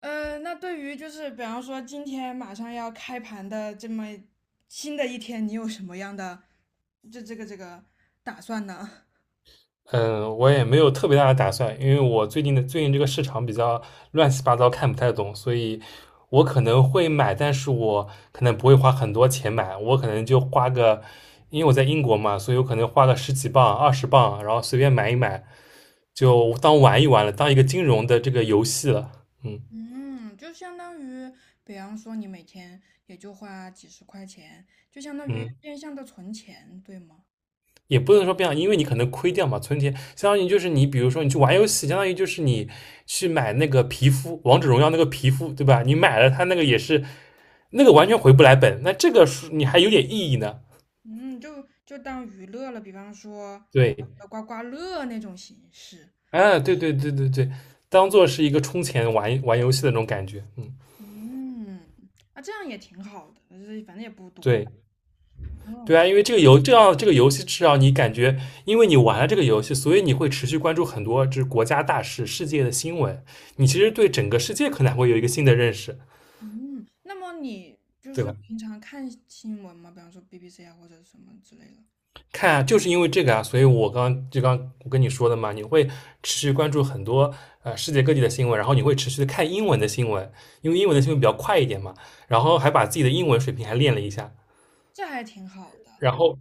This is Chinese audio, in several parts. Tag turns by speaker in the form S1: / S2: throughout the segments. S1: 那对于就是比方说今天马上要开盘的这么新的一天，你有什么样的这个打算呢？
S2: 嗯，我也没有特别大的打算，因为我最近这个市场比较乱七八糟，看不太懂，所以我可能会买，但是我可能不会花很多钱买，我可能就花个，因为我在英国嘛，所以我可能花个十几磅、二十磅，然后随便买一买，就当玩一玩了，当一个金融的这个游戏了。嗯
S1: 嗯，就相当于，比方说你每天也就花几十块钱，就相当于
S2: 嗯。
S1: 变相的存钱，对吗？
S2: 也不能说变好，因为你可能亏掉嘛，存钱相当于就是你，比如说你去玩游戏，相当于就是你去买那个皮肤，王者荣耀那个皮肤，对吧？你买了它那个也是，那个完全回不来本，那这个是你还有点意义呢。
S1: 嗯，就当娱乐了，比方说
S2: 对，
S1: 刮刮乐那种形式。
S2: 啊，对对对对对，当做是一个充钱玩玩游戏的那种感觉，嗯，
S1: 嗯，啊，这样也挺好的，就是反正也不多。
S2: 对。对啊，因为这个游这样这个游戏至少你感觉，因为你玩了这个游戏，所以你会持续关注很多就是国家大事、世界的新闻，你其实对整个世界可能还会有一个新的认识，
S1: 嗯，那么你就
S2: 对
S1: 是
S2: 吧？
S1: 平常看新闻吗？比方说 BBC 啊，或者什么之类的，
S2: 看啊，就是因为这个啊，所以我刚刚我跟你说的嘛，你会持续关注很多世界各地的新闻，然后你会持续的看英文的新闻，因为英文的新闻比较快一点嘛，然后还把自己的英文水平还练了一下，
S1: 这还挺好的。
S2: 然后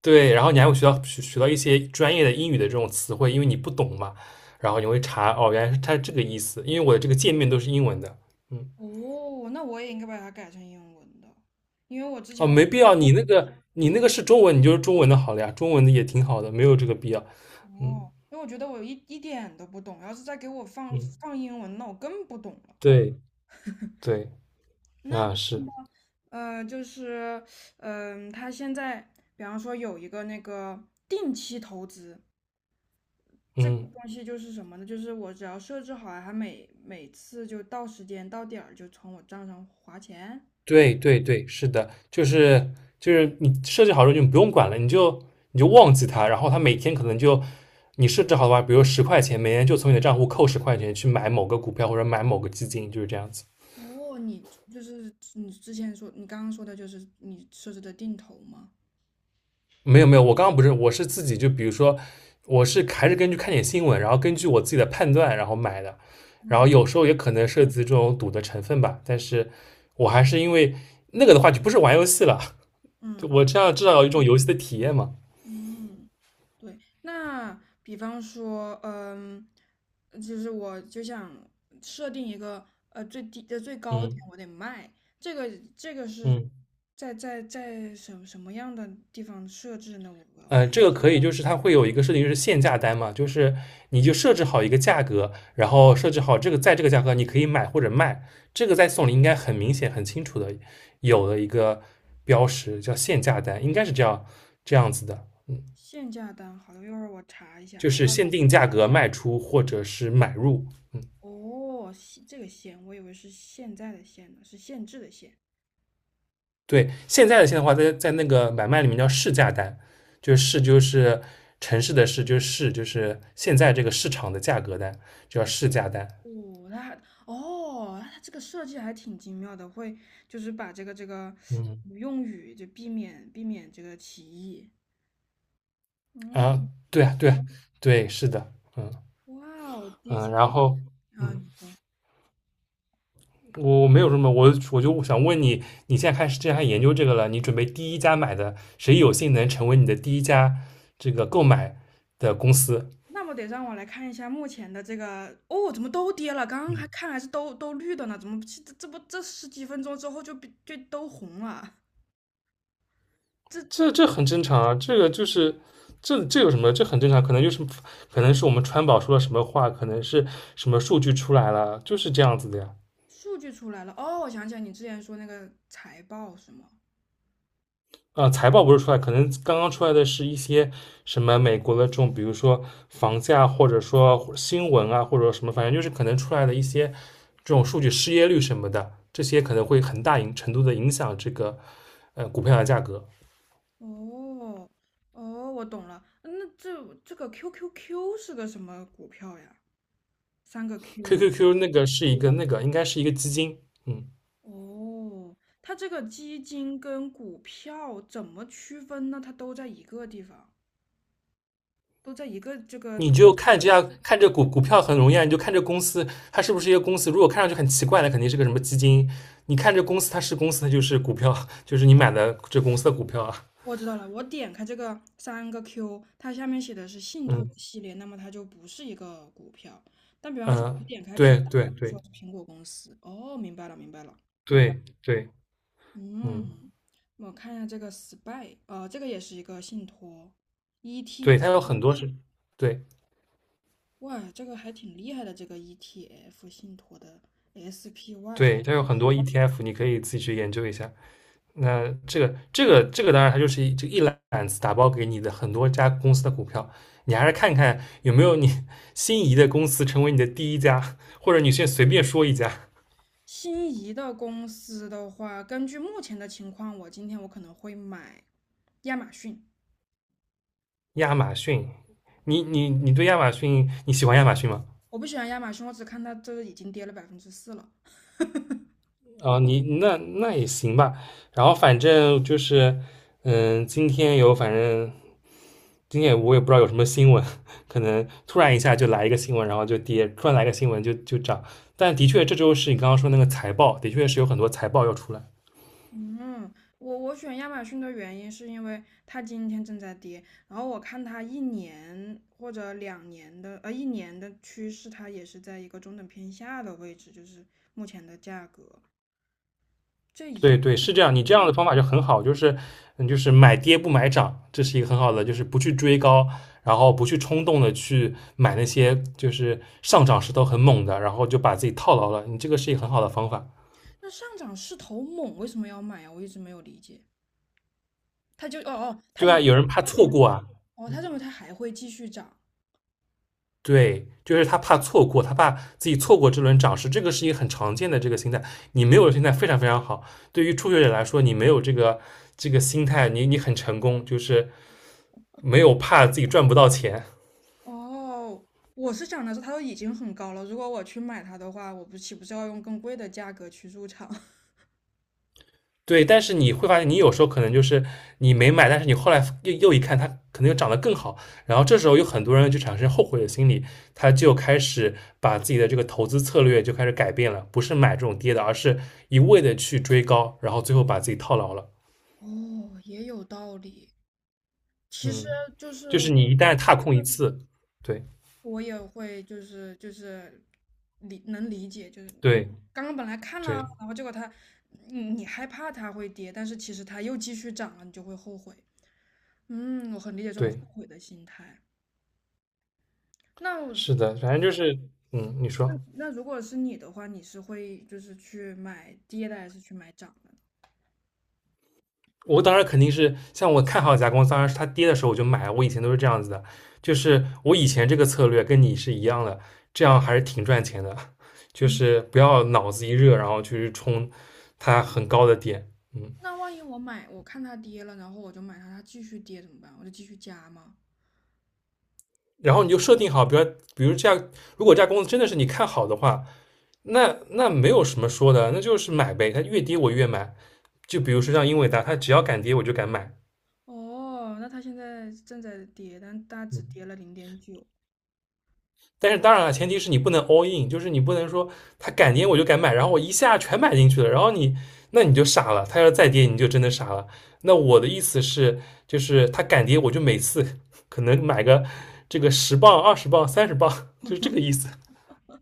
S2: 对，然后你还会学到一些专业的英语的这种词汇，因为你不懂嘛，然后你会查哦，原来是它这个意思，因为我的这个界面都是英文的，嗯，
S1: 哦，那我也应该把它改成英文的，因为我之
S2: 哦，
S1: 前我
S2: 没必要，你那个
S1: 我
S2: 你
S1: 一
S2: 那个是中文，你就是中文的好了呀，中文的也挺好的，没有这个必要，嗯
S1: 哦，因为我觉得我一点都不懂，要是再给我放
S2: 嗯，
S1: 放英文，那我更不懂了。
S2: 对对。
S1: 那
S2: 啊，是，
S1: 就是他现在比方说有一个那个定期投资，这个
S2: 嗯，
S1: 东西就是什么呢？就是我只要设置好了，它每次就到时间到点儿就从我账上划钱。
S2: 对对对，是的，就是你设置好之后就不用管了，你就忘记它，然后它每天可能就你设置好的话，比如十块钱，每天就从你的账户扣十块钱去买某个股票或者买某个基金，就是这样子。
S1: 哦，你就是你之前说你刚刚说的就是你设置的定投吗？
S2: 没有没有，我刚刚不是，我是自己就比如说，我是还是根据看点新闻，然后根据我自己的判断然后买的，然后
S1: 哦，
S2: 有时候也可能涉及这种赌的成分吧，但是我还是因为那个的话就不是玩游戏了，就
S1: 嗯
S2: 我这样至少有一种游戏的体验嘛。
S1: 嗯，对。那比方说，嗯，就是我就想设定一个最低的最高点，
S2: 嗯
S1: 我得卖。这个这个是
S2: 嗯
S1: 在什么样的地方设置呢？
S2: 这个可以，就是它会有一个设定，就是限价单嘛，就是你就设置好一个价格，然后设置好这个在这个价格你可以买或者卖，这个在送礼应该很明显、很清楚的有的一个标识叫限价单，应该是这样子的，
S1: 限价单，好的，一会儿我查一下。
S2: 就是限定价格卖出或者是买入。嗯，
S1: 哦，这个限，我以为是现在的限呢，是限制的限。
S2: 对，现在的话，在那个买卖里面叫市价单，就是市就是城市的市，就是市就是现在这个市场的价格单，就叫市价单。
S1: 哦，哦，那它这个设计还挺精妙的，会就是把这个
S2: 嗯。
S1: 用语就避免这个歧义。
S2: 啊，
S1: 嗯，
S2: 对啊，对啊，对，是的，嗯
S1: 哇。哦，第一次。
S2: 嗯，然后
S1: 啊，
S2: 嗯，
S1: 你说，
S2: 我没有什么，我就想问你，你现在开始既然研究这个了，你准备第一家买的，谁有幸能成为你的第一家这个购买的公司？
S1: 那么得让我来看一下目前的这个。哦，怎么都跌了？刚刚
S2: 嗯，
S1: 还是都绿的呢，怎么这这不这十几分钟之后就都红了？这。
S2: 这很正常啊，这个就是这有什么？这很正常，可能就是可能是我们川宝说了什么话，可能是什么数据出来了，就是这样子的呀。
S1: 数据出来了，哦，我想起来你之前说那个财报是吗？
S2: 财报不是出来，可能刚刚出来的是一些什么美国的这种，比如说房价，或者说新闻啊，或者什么，反正就是可能出来的一些这种数据，失业率什么的，这些可能会很大程度的影响这个股票的价格。
S1: 哦，哦，我懂了。那这个 QQQ 是个什么股票呀？三个 Q。
S2: QQQ 那个是一个那个应该是一个基金，嗯，
S1: 哦，它这个基金跟股票怎么区分呢？它都在一个地方，都在一个这个
S2: 你
S1: 图。
S2: 就看这样看这股票很容易啊，你就看这公司它是不是一个公司，如果看上去很奇怪，那肯定是个什么基金。你看这公司它是公司，它就是股票，就是你买的这公司的股票啊，
S1: 我知道了，我点开这个三个 Q，它下面写的是信托
S2: 嗯。
S1: 系列，那么它就不是一个股票。但比方说，我
S2: 嗯，
S1: 点开苹
S2: 对
S1: 果，
S2: 对
S1: 它就
S2: 对
S1: 说是苹果公司。哦，明白了，明白了。
S2: 对对，嗯，
S1: 嗯，我看一下这个 spy，这个也是一个信托 e
S2: 对，
S1: t
S2: 它有很多是，对
S1: 哇，这个还挺厉害的，这个 ETF 信托的 SPY。
S2: 对，它有很多 ETF，你可以自己去研究一下。那这个，当然它就是这一揽子打包给你的很多家公司的股票，你还是看看有没有你心仪的公司成为你的第一家，或者你先随便说一家，
S1: 心仪的公司的话，根据目前的情况，我今天可能会买亚马逊。
S2: 亚马逊。你对亚马逊你喜欢亚马逊吗？
S1: 我不喜欢亚马逊，我只看它这已经跌了4%了。
S2: 啊，你那也行吧。然后反正就是，嗯，今天有反正今天我也不知道有什么新闻，可能突然一下就来一个新闻，然后就跌；突然来个新闻就涨。但的确，这周是你刚刚说那个财报，的确是有很多财报要出来。
S1: 嗯，我选亚马逊的原因是因为它今天正在跌，然后我看它一年或者两年的，一年的趋势，它也是在一个中等偏下的位置，就是目前的价格。这一
S2: 对对，
S1: 个
S2: 是这样。你这样的方法就很好，就是嗯，就是买跌不买涨，这是一个很好的，就是不去追高，然后不去冲动的去买那些就是上涨势头很猛的，然后就把自己套牢了。你这个是一个很好的方法。
S1: 那上涨势头猛，为什么要买啊？我一直没有理解。哦哦，
S2: 对啊，有人怕错
S1: 哦
S2: 过啊，
S1: 哦，他认为它还会继续涨。
S2: 对，就是他怕错过，他怕自己错过这轮涨势，这个是一个很常见的这个心态。你没有心态非常非常好，对于初学者来说，你没有这个心态，你很成功，就是没有怕自己赚不到钱。
S1: 哦，我是想的是它都已经很高了，如果我去买它的话，我不岂不是要用更贵的价格去入场？
S2: 对，但是你会发现，你有时候可能就是你没买，但是你后来又一看，它可能又涨得更好，然后这时候有很多人就产生后悔的心理，他就开始把自己的这个投资策略就开始改变了，不是买这种跌的，而是一味的去追高，然后最后把自己套牢了。
S1: 哦，也有道理。其实
S2: 嗯。
S1: 就是
S2: 就
S1: 我，
S2: 是你一旦踏空一次，对
S1: 我也会，就是理解，就是你
S2: 对
S1: 刚刚本来看了，
S2: 对
S1: 然后结果它，你害怕它会跌，但是其实它又继续涨了，你就会后悔。嗯，我很理解这种后
S2: 对，
S1: 悔的心态。那我
S2: 是的，反正就是嗯，你
S1: 那
S2: 说。
S1: 那如果是你的话，你是会就是去买跌的，还是去买涨的呢？
S2: 我当然肯定是像我看好一家公司，当然是它跌的时候我就买，我以前都是这样子的，就是我以前这个策略跟你是一样的，这样还是挺赚钱的，就
S1: 嗯，
S2: 是不要脑子一热然后去冲它很高的点，嗯，
S1: 那万一我买，我看它跌了，然后我就买它，它继续跌怎么办？我就继续加吗？
S2: 然后你就设定好，比如这样，如果这家公司真的是你看好的话，那没有什么说的，那就是买呗，它越跌我越买，就比如说像英伟达，它只要敢跌我就敢买。
S1: 哦，那它现在正在跌，但大只
S2: 嗯，
S1: 跌了0.9。
S2: 但是当然了，前提是你不能 all in，就是你不能说它敢跌我就敢买，然后我一下全买进去了，然后那你就傻了，它要再跌你就真的傻了。那我的意思是，就是它敢跌我就每次可能买个这个十磅、二十磅、30磅，就是这个意思。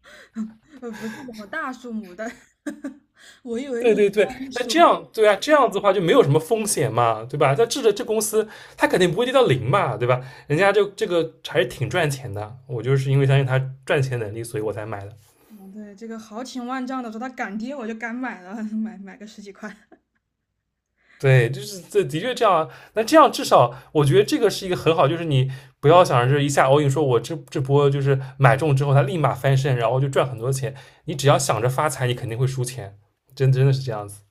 S1: 不是什么大数目，但 我以为
S2: 对
S1: 你
S2: 对对，
S1: 刚
S2: 那
S1: 说，
S2: 这样对啊，这样子的话就没有什么风险嘛，对吧？那这公司它肯定不会跌到零嘛，对吧？人家就这个还是挺赚钱的，我就是因为相信它赚钱能力，所以我才买的。
S1: 嗯，对，这个豪情万丈的说它敢跌，我就敢买了，买个十几块。
S2: 对，就是这的确这样啊。那这样至少我觉得这个是一个很好，就是你不要想着一下 all in，说我这波就是买中之后它立马翻身，然后就赚很多钱。你只要想着发财，你肯定会输钱，真的是这样子。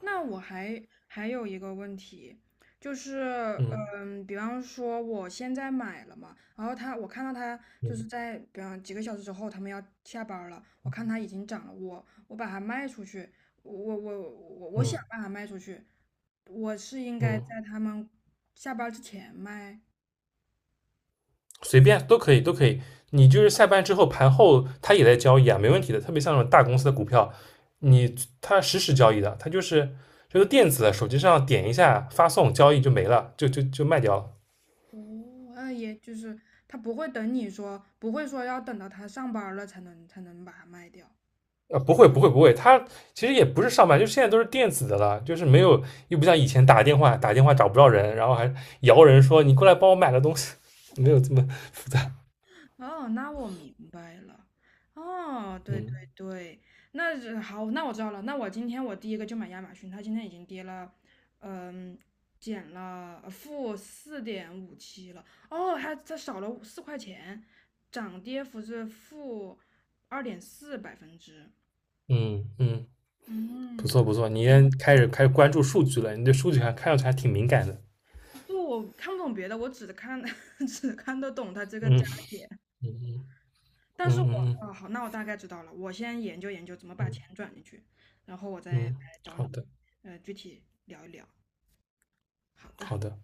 S1: 那我还有一个问题，就是，
S2: 嗯
S1: 嗯，比方说我现在买了嘛，然后他，我看到他就
S2: 嗯
S1: 是在，比方几个小时之后，他们要下班儿了，我看它已经涨了，把它卖出去，我想
S2: 嗯
S1: 把它卖出去，我是应该在
S2: 嗯。
S1: 他们下班儿之前卖，
S2: 随便都可以，都可以。你就是下班之后盘后，他也在交易啊，没问题的。特别像那种大公司的股票，你他实时交易的，他就是电子的，手机上点一下发送交易就没了，就卖掉了。
S1: 哦，那也就是他不会等你说，不会说要等到他上班儿了才能把它卖掉。
S2: 啊，不会不会不会，他其实也不是上班，就现在都是电子的了，就是没有又不像以前打电话找不着人，然后还摇人说你过来帮我买个东西，没有这么复杂。
S1: 哦，那我明白了。哦，对对
S2: 嗯
S1: 对，那是好，那我知道了。那我今天我第一个就买亚马逊，它今天已经跌了，嗯，减了-4.57了。哦，还它少了四块钱，涨跌幅是-2.4%。
S2: 嗯嗯，不
S1: 嗯，
S2: 错不错，你也开始关注数据了，你对数据还看上去还挺敏感的。
S1: 不，我看不懂别的，我只看 只看得懂它这个
S2: 嗯。
S1: 加。
S2: 嗯嗯
S1: 但是
S2: 嗯
S1: 我
S2: 嗯
S1: 啊，好，那我大概知道了。我先研究研究怎么把
S2: 嗯，
S1: 钱转进去，然后我
S2: 嗯，
S1: 再来
S2: 嗯
S1: 找
S2: 好
S1: 你，
S2: 的
S1: 具体聊一聊。好的。
S2: 好的。